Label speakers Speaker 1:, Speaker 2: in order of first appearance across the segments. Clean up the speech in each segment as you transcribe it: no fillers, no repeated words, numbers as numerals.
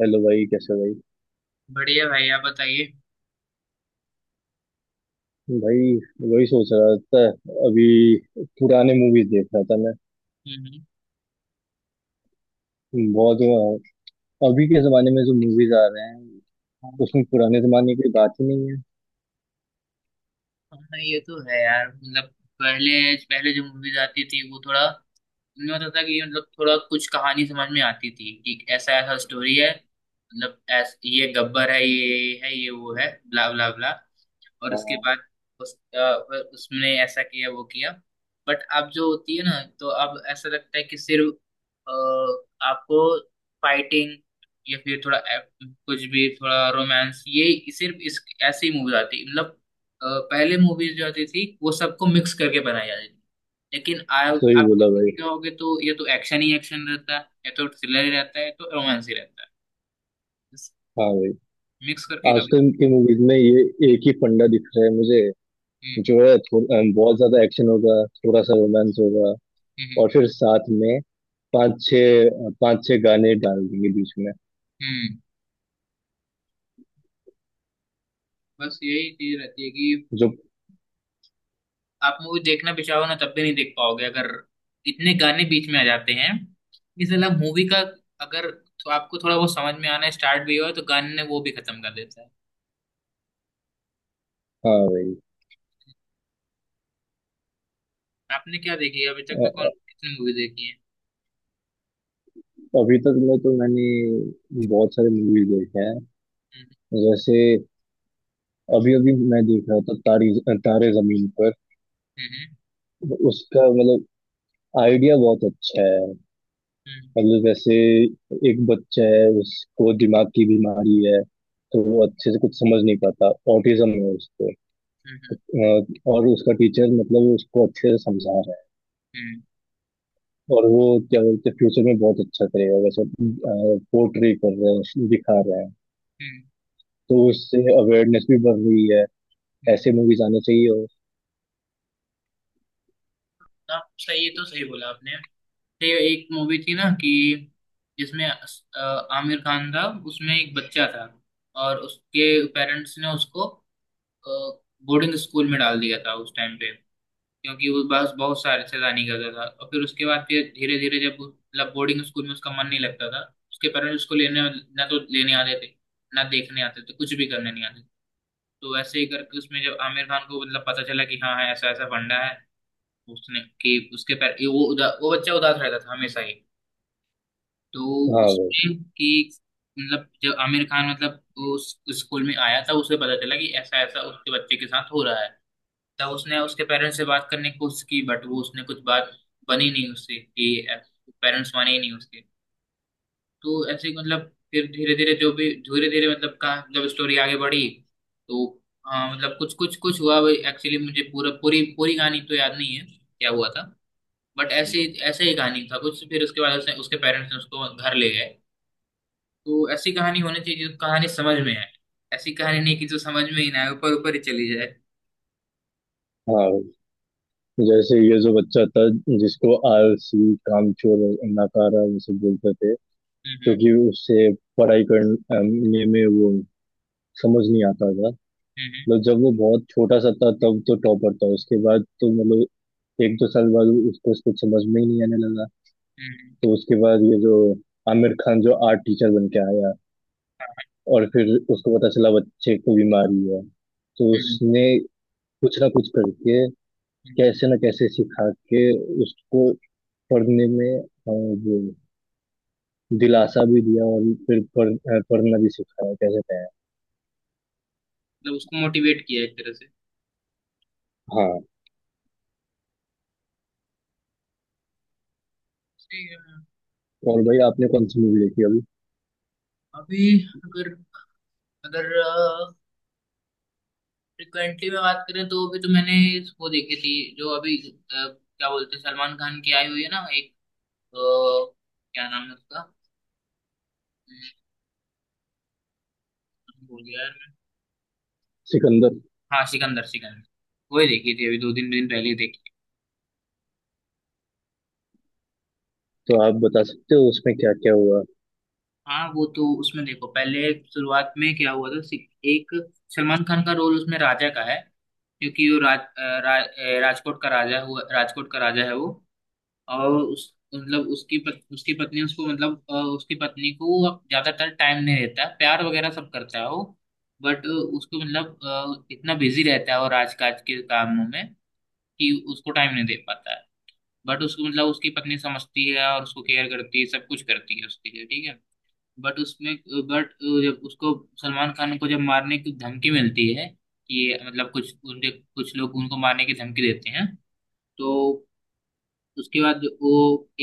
Speaker 1: Hello भाई, कैसे हो?
Speaker 2: बढ़िया भाई, आप बताइए।
Speaker 1: भाई भाई वही सोच रहा था। अभी पुराने मूवीज देख रहा था मैं।
Speaker 2: हम्म।
Speaker 1: बहुत अभी के जमाने में जो मूवीज आ रहे हैं
Speaker 2: हम्म।
Speaker 1: उसमें पुराने जमाने की बात ही नहीं है।
Speaker 2: हाँ हाँ, ये तो है यार। मतलब पहले पहले जो मूवीज आती थी वो थोड़ा, उनमें होता था कि मतलब थोड़ा कुछ कहानी समझ में आती थी कि ऐसा ऐसा स्टोरी है। मतलब ये गब्बर है, ये है, ये वो है, ब्ला ब्ला ब्ला। और उसके
Speaker 1: हाँ,
Speaker 2: बाद उसने ऐसा किया, वो किया। बट अब जो होती है ना, तो अब ऐसा लगता है कि सिर्फ अ, आपको फाइटिंग, या फिर थोड़ा कुछ भी, थोड़ा रोमांस, ये सिर्फ इस ऐसी मूवीज आती। मतलब अ, पहले मूवीज जो आती थी वो सबको मिक्स करके बनाई जाती थी। लेकिन
Speaker 1: सही
Speaker 2: आप
Speaker 1: बोला भाई।
Speaker 2: देखोगे तो या तो एक्शन ही एक्शन रहता है, या तो थ्रिलर ही रहता है, या तो रोमांस ही रहता है,
Speaker 1: हाँ भाई,
Speaker 2: मिक्स करके कभी।
Speaker 1: आजकल की मूवीज में ये एक ही फंडा दिख रहा है मुझे।
Speaker 2: हम्म।
Speaker 1: जो है थो, अ, बहुत ज्यादा एक्शन होगा, थोड़ा सा रोमांस होगा,
Speaker 2: हम्म।
Speaker 1: और फिर साथ में पांच छः पांच छः गाने डाल देंगे बीच में।
Speaker 2: हम्म। हम्म। बस यही चीज रहती है कि
Speaker 1: जो
Speaker 2: आप मूवी देखना भी चाहो ना, तब भी नहीं देख पाओगे अगर इतने गाने बीच में आ जाते हैं। इस अलावा मूवी का, अगर तो आपको थोड़ा बहुत समझ में आना स्टार्ट भी हुआ तो गाने ने वो भी खत्म कर देता है।
Speaker 1: हाँ भाई।
Speaker 2: आपने क्या देखी है अभी तक में? कौन कितनी मूवी देखी है?
Speaker 1: अभी तक में तो मैंने बहुत सारे मूवीज देखे हैं।
Speaker 2: हम्म।
Speaker 1: जैसे अभी अभी मैं देख रहा था तारी तारे जमीन पर।
Speaker 2: हम्म।
Speaker 1: उसका मतलब आइडिया बहुत अच्छा है।
Speaker 2: हम्म।
Speaker 1: मतलब जैसे एक बच्चा है, उसको दिमाग की बीमारी है, तो वो अच्छे से कुछ समझ नहीं पाता, ऑटिज्म है उसको।
Speaker 2: हम्म।
Speaker 1: अ, और उसका टीचर मतलब उसको अच्छे से समझा रहा है,
Speaker 2: हम्म।
Speaker 1: और वो क्या बोलते हैं फ्यूचर में बहुत अच्छा करेगा वैसे पोर्ट्रे कर रहे हैं, दिखा रहे हैं।
Speaker 2: हम्म।
Speaker 1: तो उससे अवेयरनेस भी बढ़ रही है।
Speaker 2: हम्म।
Speaker 1: ऐसे मूवीज आने चाहिए। और
Speaker 2: हाँ, सही, ये तो सही बोला आपने। ये एक मूवी थी ना कि जिसमें आमिर खान था, उसमें एक बच्चा था, और उसके पेरेंट्स ने उसको बोर्डिंग स्कूल में डाल दिया था उस टाइम पे, क्योंकि वो बस बहुत सारे शैतानी करता था। और फिर उसके बाद फिर धीरे धीरे जब मतलब बोर्डिंग स्कूल में उसका मन नहीं लगता था, उसके पेरेंट्स उसको लेने ना तो लेने आते थे, ना देखने आते थे, कुछ भी करने नहीं आते। तो वैसे ही करके उसमें जब आमिर खान को मतलब पता चला कि हाँ, ऐसा ऐसा फंडा है, उसने कि उसके पैर ये वो वो बच्चा उदास रहता था हमेशा ही। तो
Speaker 1: हाँ भाई।
Speaker 2: उसमें कि मतलब जब आमिर खान मतलब उस स्कूल में आया था, उसे पता चला कि ऐसा ऐसा उसके बच्चे के साथ हो रहा है। तब उसने उसके पेरेंट्स से बात करने की कोशिश की, बट वो उसने कुछ बात बनी नहीं उससे कि पेरेंट्स माने ही नहीं उसके। तो ऐसे ही मतलब फिर धीरे धीरे जो भी धीरे धीरे मतलब कहा जब स्टोरी आगे बढ़ी, तो हाँ मतलब कुछ कुछ कुछ हुआ। एक्चुअली मुझे पूरा पूरी पूरी कहानी तो याद नहीं है क्या हुआ था। बट ऐसे ऐसे ही कहानी था कुछ, फिर उसके बाद उसने उसके पेरेंट्स ने उसको घर ले गए। तो ऐसी कहानी होनी चाहिए जो कहानी समझ में आए, ऐसी कहानी नहीं कि जो समझ में ही ना आए, ऊपर ऊपर ही चली जाए।
Speaker 1: हाँ भाई। जैसे ये जो बच्चा था, जिसको आलसी, कामचोर और नाकारा ये सब बोलते थे,
Speaker 2: हम्म।
Speaker 1: क्योंकि उससे पढ़ाई करने में वो समझ नहीं आता था।
Speaker 2: हम्म।
Speaker 1: मतलब जब वो बहुत छोटा सा था तब तो टॉपर था, उसके बाद तो मतलब एक दो साल बाद उसको उसको समझ में ही नहीं आने लगा।
Speaker 2: हम्म। हम्म।
Speaker 1: तो उसके बाद ये जो आमिर खान जो आर्ट टीचर बन के आया,
Speaker 2: हाँ,
Speaker 1: और फिर उसको पता चला बच्चे को बीमारी है, तो
Speaker 2: हम्म।
Speaker 1: उसने कुछ ना कुछ करके,
Speaker 2: हम्म।
Speaker 1: कैसे न कैसे सिखा के उसको पढ़ने में वो दिलासा भी दिया, और फिर पढ़ना भी सिखाया कैसे तैयार।
Speaker 2: मतलब उसको मोटिवेट किया एक तरह से।
Speaker 1: हाँ।
Speaker 2: ठीक है।
Speaker 1: और भाई आपने कौन सी मूवी देखी अभी?
Speaker 2: अभी, अगर अगर फ्रिक्वेंटली में बात करें तो अभी तो मैंने वो देखी थी जो अभी क्या बोलते हैं, सलमान खान की आई हुई है ना एक, अ, क्या नाम है उसका? हम्म, भूल गया यार मैं।
Speaker 1: सिकंदर।
Speaker 2: हाँ, सिकंदर सिकंदर। वही देखी थी, अभी दो तीन दिन पहले ही देखी।
Speaker 1: तो आप बता सकते हो उसमें क्या क्या हुआ?
Speaker 2: हाँ वो तो, उसमें देखो पहले शुरुआत में क्या हुआ था, एक सलमान खान का रोल उसमें राजा का है, क्योंकि वो राजकोट का राजा हुआ, राजकोट का राजा है वो। और उस मतलब उसकी उसकी पत्नी, उसको मतलब उसकी पत्नी को अब ज्यादातर टाइम नहीं देता है, प्यार वगैरह सब करता है वो, बट उसको मतलब इतना बिजी रहता है और आज काज के कामों में कि उसको टाइम नहीं दे पाता है। बट उसको मतलब उसकी पत्नी समझती है और उसको केयर करती है, सब कुछ करती है उसके लिए, ठीक है। बट उसमें, बट जब उसको सलमान खान को जब मारने की धमकी मिलती है, कि मतलब कुछ उनके कुछ लोग उनको मारने की धमकी देते हैं, तो उसके बाद वो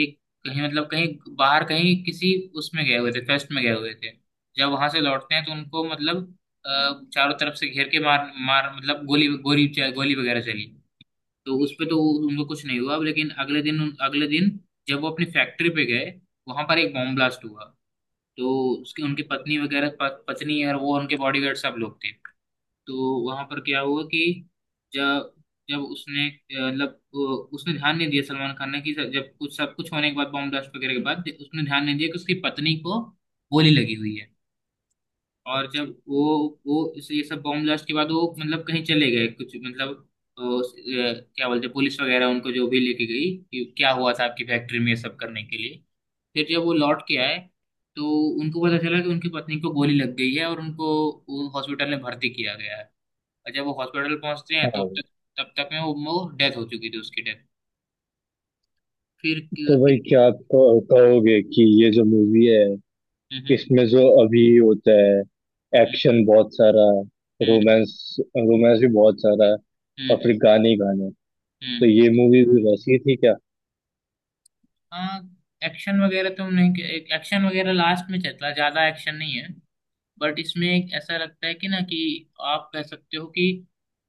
Speaker 2: एक कहीं मतलब कहीं बाहर कहीं किसी उसमें गए हुए थे, फेस्ट में गए हुए थे। जब वहां से लौटते हैं तो उनको मतलब अ, चारों तरफ से घेर के मार मार मतलब गोली गोली गोली वगैरह चली। तो उस पे तो उनको कुछ नहीं हुआ, लेकिन अगले दिन, अगले दिन जब वो अपनी फैक्ट्री पे गए, वहां पर एक बॉम्ब ब्लास्ट हुआ। तो उसके उनकी पत्नी वगैरह, पत्नी और वो उनके बॉडीगार्ड सब लोग थे। तो वहां पर क्या हुआ कि जब जब उसने मतलब उसने ध्यान नहीं दिया, सलमान खान ने, कि जब जब कुछ सब कुछ होने के बाद, बॉम्ब ब्लास्ट वगैरह के बाद, उसने ध्यान नहीं दिया कि उसकी पत्नी को गोली लगी हुई है। और जब वो इस ये सब बॉम्ब ब्लास्ट के बाद वो मतलब कहीं चले गए कुछ मतलब क्या बोलते हैं, पुलिस वगैरह उनको जो भी लेके गई कि क्या हुआ था आपकी फैक्ट्री में ये सब करने के लिए। फिर जब वो लौट के आए तो उनको पता चला कि उनकी पत्नी को गोली लग गई है और उनको हॉस्पिटल में भर्ती किया गया है। और जब वो हॉस्पिटल पहुंचते हैं तो
Speaker 1: हाँ।
Speaker 2: तब तब तक में वो डेथ हो चुकी थी, उसकी डेथ। फिर
Speaker 1: तो
Speaker 2: फिर।
Speaker 1: भाई, क्या आप कहोगे कि ये जो मूवी है,
Speaker 2: हम्म।
Speaker 1: इसमें जो अभी होता है
Speaker 2: हम्म।
Speaker 1: एक्शन बहुत सारा,
Speaker 2: हम्म।
Speaker 1: रोमांस रोमांस भी बहुत सारा और
Speaker 2: हम्म।
Speaker 1: फिर गाने ही गाने। तो
Speaker 2: हम्म।
Speaker 1: ये मूवी भी वैसी ही थी क्या?
Speaker 2: हाँ, एक्शन वगैरह तो नहीं, एक्शन वगैरह लास्ट में चलता, ज्यादा एक्शन नहीं है। बट इसमें एक ऐसा लगता है कि ना, कि आप कह सकते हो कि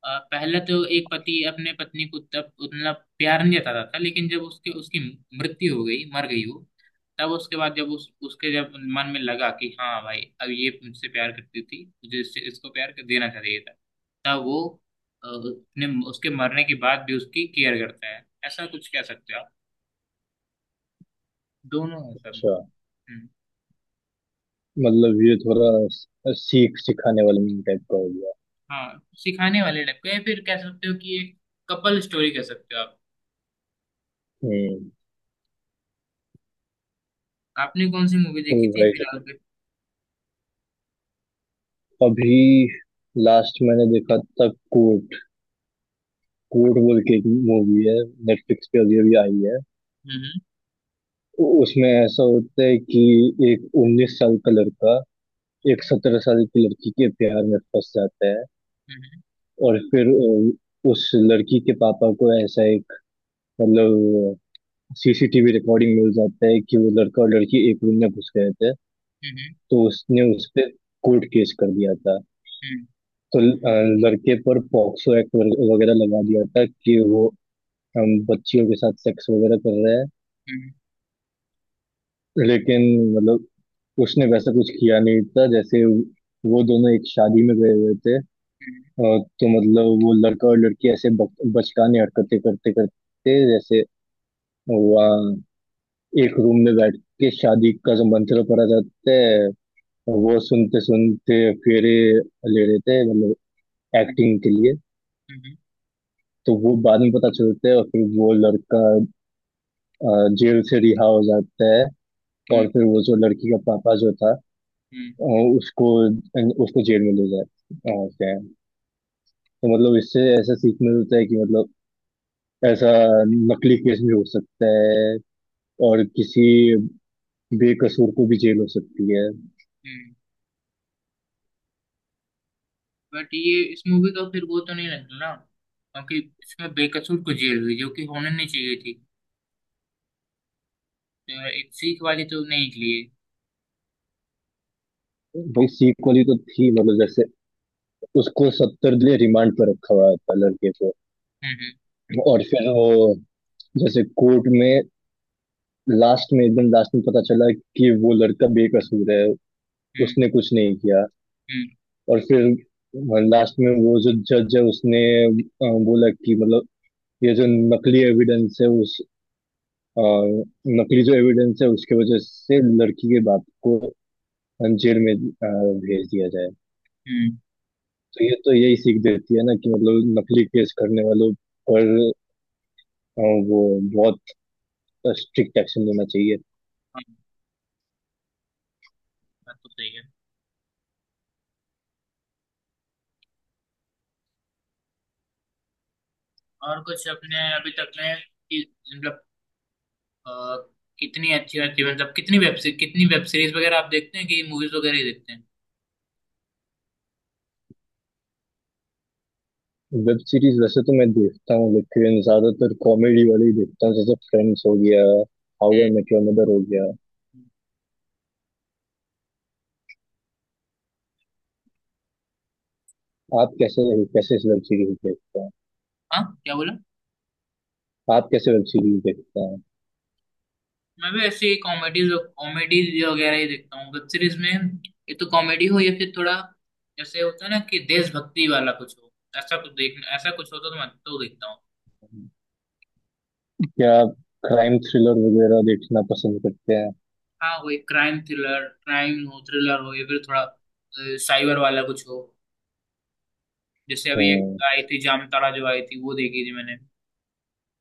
Speaker 2: पहले तो एक पति अपने पत्नी को तब उतना प्यार नहीं जताता था, लेकिन जब उसके उसकी मृत्यु हो गई, मर गई वो, तब उसके बाद जब उस उसके जब मन में लगा कि हाँ भाई, अब ये मुझसे प्यार करती थी, मुझे इससे इसको प्यार कर देना चाहिए था, तब वो अपने उसके मरने के बाद भी उसकी केयर करता है, ऐसा कुछ कह सकते हो आप। दोनों है सब
Speaker 1: अच्छा।
Speaker 2: में। हम्म,
Speaker 1: मतलब ये थोड़ा सीख सिखाने वाला मीम टाइप का हो गया।
Speaker 2: हाँ, सिखाने वाले टाइप का, या फिर कह सकते हो कि ये कपल स्टोरी कह सकते हो आप।
Speaker 1: हम्म।
Speaker 2: आपने कौन सी मूवी
Speaker 1: तो
Speaker 2: देखी थी
Speaker 1: राइट।
Speaker 2: फिलहाल पे?
Speaker 1: अभी लास्ट मैंने देखा था कोर्ट। कोर्ट बोल के एक मूवी है, नेटफ्लिक्स पे अभी अभी आई है।
Speaker 2: हम्म।
Speaker 1: उसमें ऐसा होता है कि एक 19 साल का लड़का एक 17 साल की लड़की के प्यार में फंस जाता है।
Speaker 2: हम्म।
Speaker 1: और फिर उस लड़की के पापा को ऐसा एक मतलब सीसीटीवी रिकॉर्डिंग मिल जाता है कि वो लड़का और लड़की एक रूम में घुस गए थे।
Speaker 2: हम्म।
Speaker 1: तो उसने उस पे कोर्ट केस कर दिया था।
Speaker 2: हम्म।
Speaker 1: तो लड़के पर पॉक्सो एक्ट वगैरह लगा दिया था कि वो हम बच्चियों के साथ सेक्स वगैरह कर रहा है।
Speaker 2: हम्म।
Speaker 1: लेकिन मतलब उसने वैसा कुछ किया नहीं था। जैसे वो दोनों एक शादी में गए हुए थे
Speaker 2: हम्म।
Speaker 1: तो मतलब वो लड़का और लड़की ऐसे बचकाने हरकतें करते करते, जैसे वहाँ एक रूम में बैठ के शादी का जो मंत्र पढ़ा जाता है वो सुनते सुनते फेरे ले रहे थे, मतलब एक्टिंग के लिए।
Speaker 2: हम्म।
Speaker 1: तो वो बाद में पता चलता है, और फिर वो लड़का जेल से रिहा हो जाता है। और फिर वो जो लड़की का पापा जो था अ,
Speaker 2: हम्म।
Speaker 1: उसको उसको जेल में ले जाते हैं। तो मतलब इससे ऐसा सीखने को मिलता है कि मतलब ऐसा नकली केस भी हो सकता है, और किसी बेकसूर को भी जेल हो सकती है।
Speaker 2: हम्म। बट ये इस मूवी का फिर वो तो नहीं लगता ना, क्योंकि इसमें बेकसूर को जेल हुई जो कि होने नहीं चाहिए थी, तो एक सीख वाली तो नहीं निकली है।
Speaker 1: भाई, सीख वाली तो थी, मतलब जैसे उसको 70 दिन रिमांड पर रखा हुआ था लड़के को।
Speaker 2: हम्म।
Speaker 1: और फिर वो जैसे कोर्ट में लास्ट में, एकदम लास्ट में पता चला कि वो लड़का बेकसूर है,
Speaker 2: हम्म।
Speaker 1: उसने कुछ नहीं किया।
Speaker 2: हम्म।
Speaker 1: और फिर लास्ट में वो जो जज है उसने बोला कि मतलब ये जो नकली एविडेंस है उस अ, नकली जो एविडेंस है उसके वजह से लड़की के बाप को जेल में भेज दिया जाए।
Speaker 2: हम्म।
Speaker 1: तो ये तो यही सीख देती है ना कि मतलब नकली केस करने वालों पर अ, वो बहुत स्ट्रिक्ट एक्शन लेना चाहिए।
Speaker 2: हाँ, बात तो सही है। और कुछ अपने अभी तक में कि मतलब अ, कितनी अच्छी अच्छी, मतलब कितनी वेब सीरीज वगैरह आप देखते हैं, कि मूवीज वगैरह ही देखते हैं?
Speaker 1: वेब सीरीज वैसे तो मैं देखता हूँ, लेकिन ज्यादातर कॉमेडी वाली ही देखता हूँ। जैसे फ्रेंड्स हो गया, how
Speaker 2: hmm.
Speaker 1: I met your mother हो गया।
Speaker 2: हम्म।
Speaker 1: आप कैसे कैसे वेब सीरीज देखते हैं?
Speaker 2: हाँ, क्या बोला?
Speaker 1: आप कैसे वेब सीरीज देखते हैं?
Speaker 2: मैं भी ऐसे ही कॉमेडीज कॉमेडीज वगैरह ही देखता हूँ वेब सीरीज में। ये तो कॉमेडी हो या फिर थोड़ा जैसे होता है ना, कि देशभक्ति वाला कुछ हो, ऐसा कुछ देखना, ऐसा कुछ होता तो मैं तो देखता हूँ।
Speaker 1: क्या आप क्राइम थ्रिलर वगैरह देखना पसंद करते हैं?
Speaker 2: हाँ वही, क्राइम थ्रिलर, क्राइम हो, थ्रिलर हो, या फिर थोड़ा साइबर वाला कुछ हो। जैसे अभी एक
Speaker 1: हम्म।
Speaker 2: आई थी जामताड़ा, जो आई थी, वो देखी थी मैंने।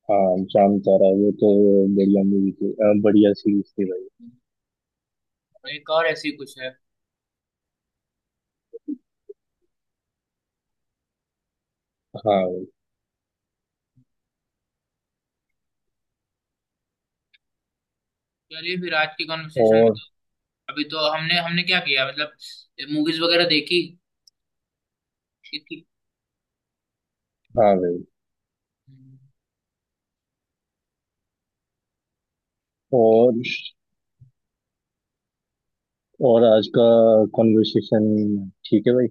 Speaker 1: हाँ, जाम तारा, वो तो बढ़िया मूवी थी, बढ़िया सीरीज थी भाई।
Speaker 2: और एक और ऐसी कुछ है।
Speaker 1: हाँ भाई।
Speaker 2: चलिए, फिर आज की कॉन्वर्सेशन में तो,
Speaker 1: और
Speaker 2: अभी तो हमने हमने क्या किया, मतलब मूवीज वगैरह देखी। कि,
Speaker 1: हाँ भाई।
Speaker 2: कि।
Speaker 1: और और आज का कॉन्वर्सेशन ठीक है भाई।